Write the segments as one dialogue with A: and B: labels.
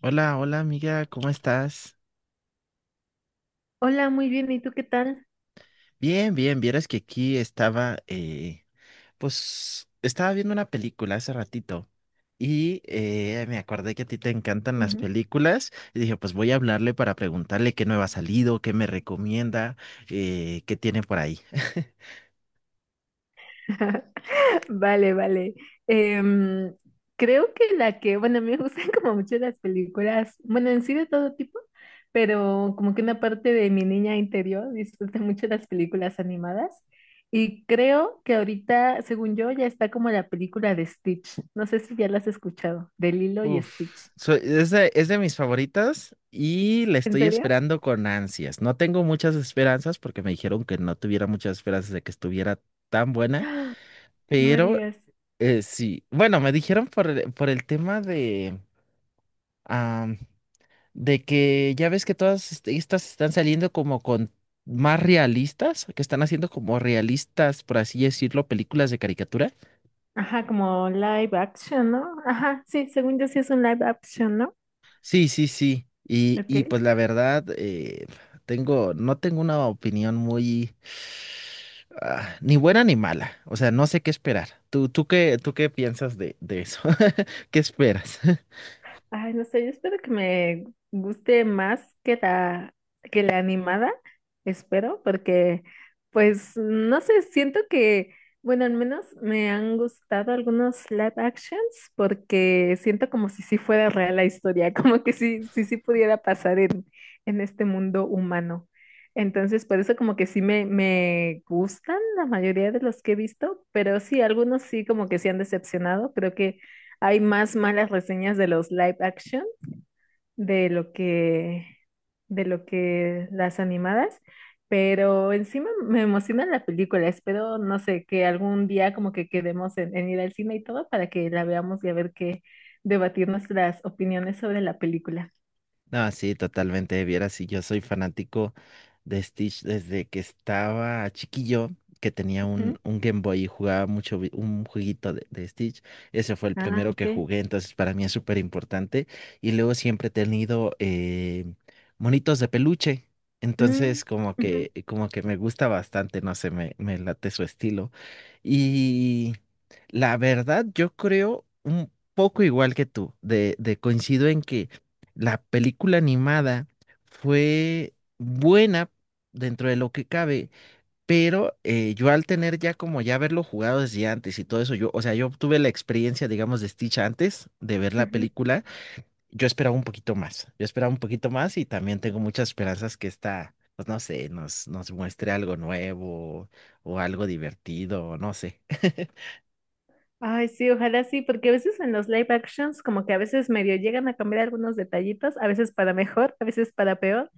A: Hola, hola amiga, ¿cómo estás?
B: Hola, muy bien. ¿Y tú qué tal?
A: Bien, bien, vieras que aquí estaba, pues estaba viendo una película hace ratito y me acordé que a ti te encantan las
B: Ujú.
A: películas y dije, pues voy a hablarle para preguntarle qué nueva ha salido, qué me recomienda, qué tiene por ahí.
B: Vale, vale. Em, Creo que la que, bueno, a mí me gustan como mucho las películas, bueno, en sí de todo tipo, pero como que una parte de mi niña interior disfruta mucho las películas animadas. Y creo que ahorita, según yo, ya está como la película de Stitch. No sé si ya la has escuchado, de Lilo y
A: Uf,
B: Stitch.
A: es de mis favoritas y la
B: ¿En
A: estoy
B: serio?
A: esperando con ansias. No tengo muchas esperanzas porque me dijeron que no tuviera muchas esperanzas de que estuviera tan buena.
B: ¡Ah! No me
A: Pero
B: digas.
A: Sí, bueno, me dijeron por por el tema de, am, de que ya ves que todas estas están saliendo como con más realistas, que están haciendo como realistas, por así decirlo, películas de caricatura.
B: Ajá, como live action, ¿no? Ajá, sí, según yo sí es un live action, ¿no?
A: Sí, sí, sí. Y
B: Okay,
A: pues la verdad, tengo, no tengo una opinión muy, ni buena ni mala. O sea, no sé qué esperar. ¿Tú qué piensas de eso? ¿Qué esperas?
B: ay, no sé, yo espero que me guste más que que la animada, espero, porque pues no sé, siento que, bueno, al menos me han gustado algunos live actions porque siento como si sí fuera real la historia, como que sí, sí, sí pudiera pasar en este mundo humano. Entonces, por eso como que sí me gustan la mayoría de los que he visto, pero sí, algunos sí como que sí han decepcionado, creo que hay más malas reseñas de los live action de lo que, de lo que las animadas. Pero encima me emociona la película. Espero, no sé, que algún día como que quedemos en ir al cine y todo para que la veamos y a ver qué debatir nuestras opiniones sobre la película.
A: No, sí, totalmente. Vieras, si yo soy fanático de Stitch desde que estaba chiquillo, que tenía
B: Ujú.
A: un Game Boy y jugaba mucho un jueguito de Stitch. Ese fue el
B: Ah,
A: primero que
B: ok.
A: jugué, entonces para mí es súper importante. Y luego siempre he tenido monitos de peluche.
B: Mm,
A: Entonces,
B: ujú,
A: como que me gusta bastante, no sé, me late su estilo. Y la verdad, yo creo un poco igual que tú, de coincido en que. La película animada fue buena dentro de lo que cabe, pero yo al tener ya como ya haberlo jugado desde antes y todo eso, yo, o sea, yo tuve la experiencia, digamos, de Stitch antes de ver la
B: ujú.
A: película, yo esperaba un poquito más, yo esperaba un poquito más y también tengo muchas esperanzas que esta, pues no sé, nos, nos muestre algo nuevo o algo divertido, no sé.
B: Ay, sí, ojalá sí, porque a veces en los live actions como que a veces medio llegan a cambiar algunos detallitos, a veces para mejor, a veces para peor.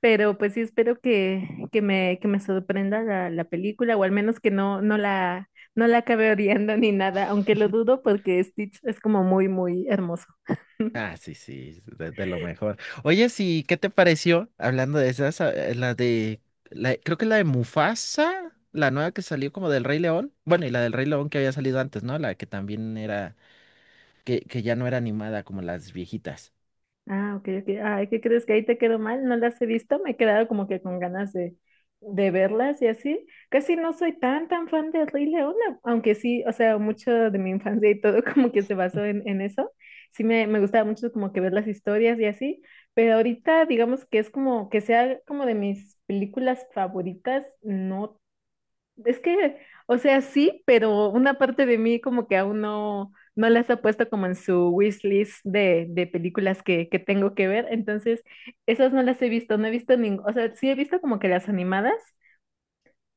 B: Pero pues sí espero que que me sorprenda la película, o al menos que no la acabe odiando ni nada, aunque lo dudo porque Stitch es como muy, muy hermoso.
A: Ah, sí, sí, de lo mejor. Oye, sí, ¿qué te pareció? Hablando de esas, la de, la, creo que la de Mufasa, la nueva que salió como del Rey León. Bueno, y la del Rey León que había salido antes, ¿no? La que también era, que ya no era animada como las viejitas.
B: Ah, ok, ok. Ay, ¿qué crees que ahí te quedó mal? No las he visto, me he quedado como que con ganas de verlas y así. Casi no soy tan, tan fan de Rey León, aunque sí, o sea, mucho de mi infancia y todo como que se basó en eso. Sí, me gustaba mucho como que ver las historias y así, pero ahorita digamos que es como que sea como de mis películas favoritas, no es que, o sea, sí, pero una parte de mí como que aún no las ha puesto como en su wishlist de películas que tengo que ver. Entonces, esas no las he visto, no he visto ningún, o sea, sí he visto como que las animadas,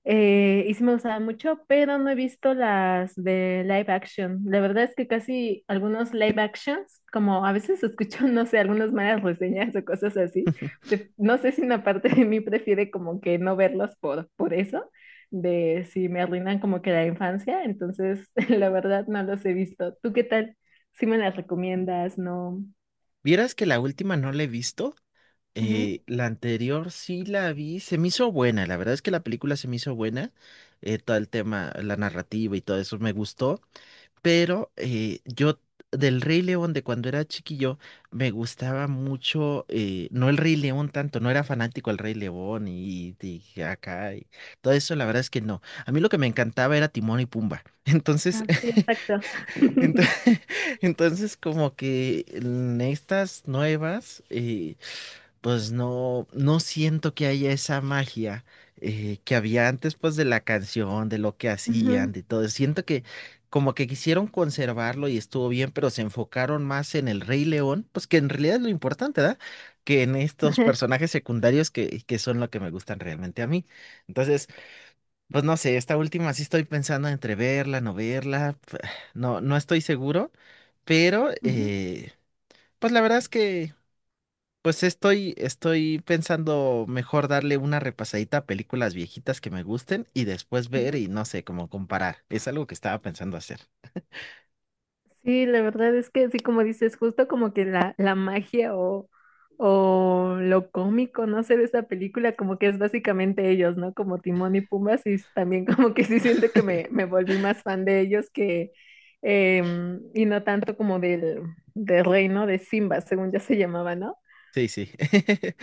B: y sí me gustaba mucho, pero no he visto las de live action. La verdad es que casi algunos live actions, como a veces escucho, no sé, algunas malas reseñas o cosas así. No sé si una parte de mí prefiere como que no verlos por eso, de si me arruinan como que la infancia. Entonces, la verdad no los he visto. ¿Tú qué tal? ¿Si me las recomiendas? ¿No?
A: Vieras que la última no la he visto,
B: Ujú.
A: la anterior sí la vi, se me hizo buena, la verdad es que la película se me hizo buena, todo el tema, la narrativa y todo eso me gustó. Pero yo del Rey León de cuando era chiquillo me gustaba mucho, no el Rey León tanto, no era fanático del Rey León y acá y todo eso, la verdad es que no. A mí lo que me encantaba era Timón y Pumba. Entonces,
B: Ah, sí, exacto.
A: ento- entonces, como que en estas nuevas, pues no, no siento que haya esa magia que había antes, pues de la canción, de lo que
B: Ujú,
A: hacían, de todo. Siento que como que quisieron conservarlo y estuvo bien, pero se enfocaron más en el Rey León, pues que en realidad es lo importante, ¿verdad? Que en estos personajes secundarios que son lo que me gustan realmente a mí. Entonces, pues no sé, esta última sí estoy pensando entre verla, no verla, no, no estoy seguro, pero
B: ujú, ujú.
A: pues la verdad es que... Pues estoy, estoy pensando mejor darle una repasadita a películas viejitas que me gusten y después ver
B: Ujú.
A: y no sé, como comparar. Es algo que estaba pensando hacer.
B: Sí, la verdad es que sí, como dices, justo como que la magia o lo cómico, no sé, de esta película, como que es básicamente ellos, ¿no? Como Timón y Pumbas, también como que sí siento que me volví más fan de ellos que, em, y no tanto como del reino de Simba, según ya se llamaba, ¿no?
A: Sí, sí.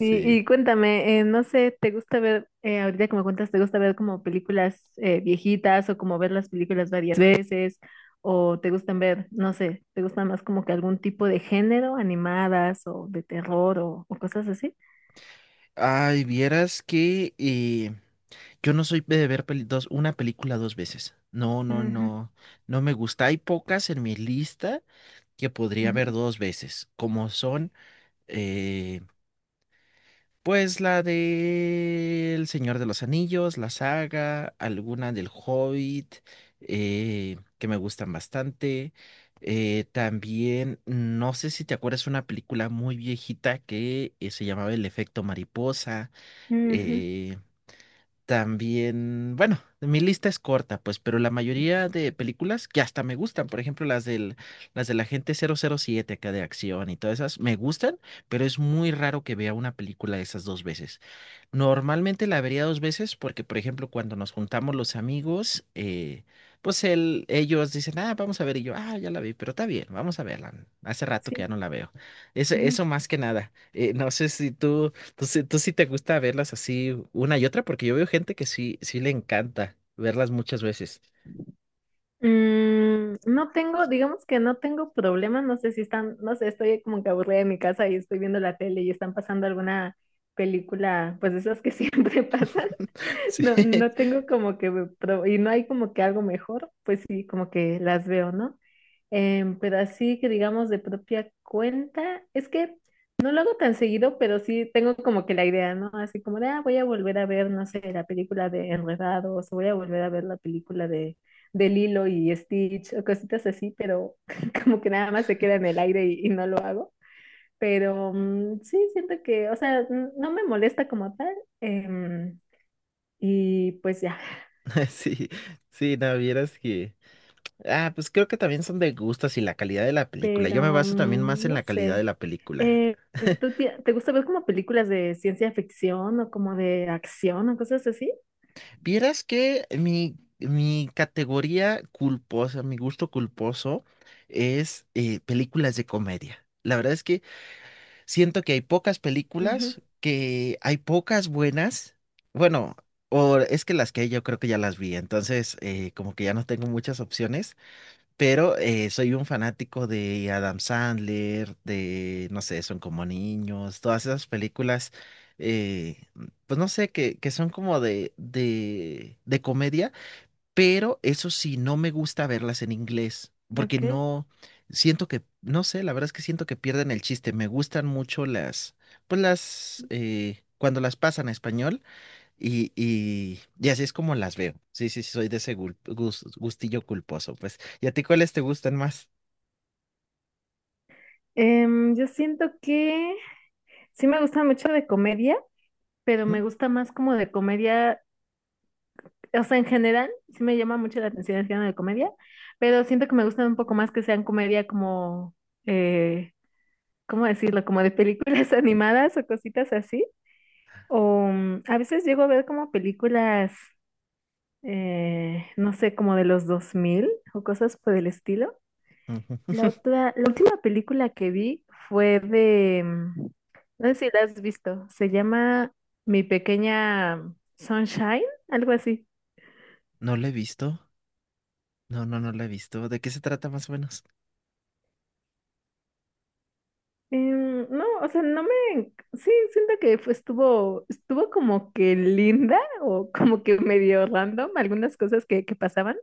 B: Y cuéntame, no sé, ¿te gusta ver, ahorita como cuentas, ¿te gusta ver como películas viejitas o como ver las películas varias veces? ¿O te gustan ver, no sé, ¿te gusta más como que algún tipo de género, animadas o de terror o cosas así?
A: Ay, vieras que yo no soy de ver dos, una película dos veces. No, no,
B: Ujú,
A: no. No me gusta. Hay pocas en mi lista que podría ver
B: ujú,
A: dos veces, como son eh, pues la de El Señor de los Anillos, la saga, alguna del Hobbit, que me gustan bastante. También, no sé si te acuerdas, una película muy viejita que se llamaba El Efecto Mariposa.
B: ujú,
A: eh, también, bueno, mi lista es corta, pues, pero la mayoría de películas que hasta me gustan, por ejemplo, las del Agente 007 acá de acción y todas esas, me gustan, pero es muy raro que vea una película de esas dos veces. Normalmente la vería dos veces porque, por ejemplo, cuando nos juntamos los amigos, pues él, ellos dicen, ah, vamos a ver, y yo, ah, ya la vi, pero está bien, vamos a verla. Hace rato que ya
B: sí.
A: no la veo. Eso,
B: Ujú.
A: eso más que nada. No sé si tú sí te gusta verlas así una y otra, porque yo veo gente que sí, sí le encanta verlas muchas veces.
B: Mm, no tengo, digamos que no tengo problema, no sé si están, no sé, estoy como que aburrida en mi casa y estoy viendo la tele y están pasando alguna película, pues de esas que siempre pasan.
A: Sí,
B: No, no tengo como que, y no hay como que algo mejor, pues sí, como que las veo, ¿no? Em, pero así que digamos de propia cuenta, es que no lo hago tan seguido, pero sí tengo como que la idea, ¿no? Así como de, ah, voy a volver a ver, no sé, la película de Enredados, o voy a volver a ver la película de Lilo y Stitch o cositas así, pero como que nada más se queda en el aire y no lo hago. Pero mm, sí, siento que, o sea, no me molesta como tal. Em, y pues ya,
A: sí, sí, no, vieras que... Ah, pues creo que también son de gustos y la calidad de la película. Yo me
B: pero
A: baso también más
B: mm,
A: en
B: no
A: la calidad de
B: sé.
A: la película.
B: Eh, te gusta ver como películas de ciencia ficción o como de acción o cosas así?
A: Vieras que mi categoría culposa, mi gusto culposo es películas de comedia. La verdad es que siento que hay pocas
B: Ujú,
A: películas, que hay pocas buenas. Bueno, o es que las que hay yo creo que ya las vi, entonces como que ya no tengo muchas opciones, pero soy un fanático de Adam Sandler, de, no sé, Son como niños, todas esas películas, eh, pues no sé, que son como de comedia, pero eso sí, no me gusta verlas en inglés, porque
B: ok.
A: no, siento que, no sé, la verdad es que siento que pierden el chiste. Me gustan mucho las, pues las, cuando las pasan a español y así es como las veo. Sí, sí, sí, soy de ese gustillo culposo. Pues, ¿y a ti cuáles te gustan más?
B: Em, yo siento que sí me gusta mucho de comedia, pero
A: ¿Mm?
B: me gusta más como de comedia o sea, en general, sí me llama mucho la atención el género de comedia, pero siento que me gustan un poco más que sean comedia como, eh, ¿cómo decirlo? Como de películas animadas o cositas así. O mm, a veces llego a ver como películas, no sé, como de los 2000 o cosas por el estilo.
A: Ujú.
B: La última película que vi fue de, mm, no sé si la has visto, se llama Mi Pequeña Sunshine, algo así.
A: No lo he visto. No, no, no lo he visto. ¿De qué se trata más o menos?
B: Em, no, o sea, no me, sí, siento que estuvo como que linda o como que medio random algunas cosas que pasaban,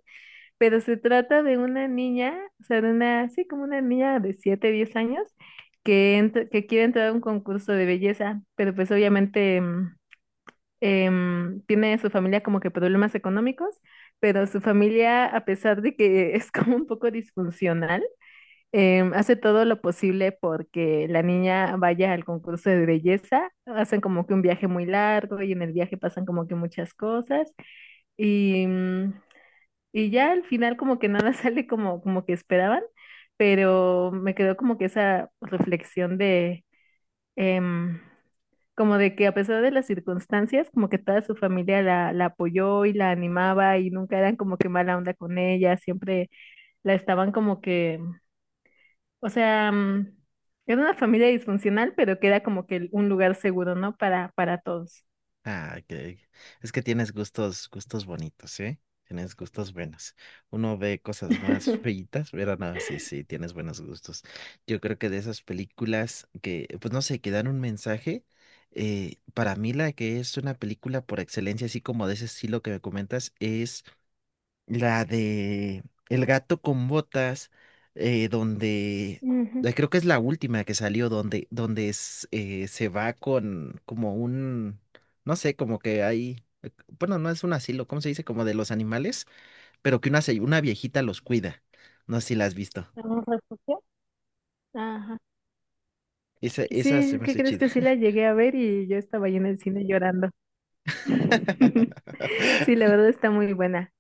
B: pero se trata de una niña, o sea, de una, sí, como una niña de 7, 10 años que, que quiere entrar a un concurso de belleza, pero pues obviamente em, em, tiene su familia como que problemas económicos, pero su familia, a pesar de que es como un poco disfuncional, em, hace todo lo posible porque la niña vaya al concurso de belleza, hacen como que un viaje muy largo y en el viaje pasan como que muchas cosas y, mm, y ya al final como que nada sale como, como que esperaban, pero me quedó como que esa reflexión de em, como de que a pesar de las circunstancias, como que toda su familia la apoyó y la animaba y nunca eran como que mala onda con ella, siempre la estaban como que o sea, mm, era una familia disfuncional, pero que era como que un lugar seguro, ¿no? Para todos.
A: Ah, que es que tienes gustos, gustos bonitos, ¿eh? Tienes gustos buenos. Uno ve cosas más feitas, pero no, sí, sí, tienes buenos gustos. Yo creo que de esas películas que, pues no sé, que dan un mensaje, para mí la que es una película por excelencia, así como de ese estilo que me comentas, es la de El gato con botas, donde
B: Ujú.
A: creo que es la última que salió, donde, donde es, se va con como un, no sé, como que hay, bueno, no es un asilo, ¿cómo se dice? Como de los animales, pero que una, una viejita los cuida. No sé si la has visto.
B: ¿Un refugio? Ajá.
A: Esa se
B: Sí,
A: me
B: ¿qué
A: hace
B: crees
A: chida.
B: que sí la llegué a ver y yo estaba ahí en el cine llorando? Sí, la verdad está muy buena.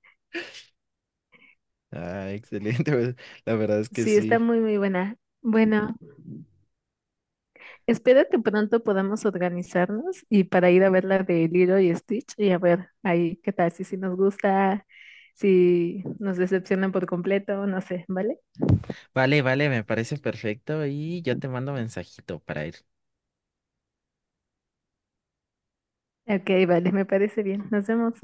A: Ah, excelente, pues, la verdad es que
B: Sí, está
A: sí.
B: muy, muy buena. Bueno, espero que pronto podamos organizarnos y para ir a ver la de Lilo y Stitch y a ver ahí qué tal, si, si nos gusta, si nos decepcionan por completo, no sé, ¿vale?
A: Vale, vale, me parece perfecto y yo te mando mensajito para ir.
B: Ok, vale, me parece bien. Nos vemos.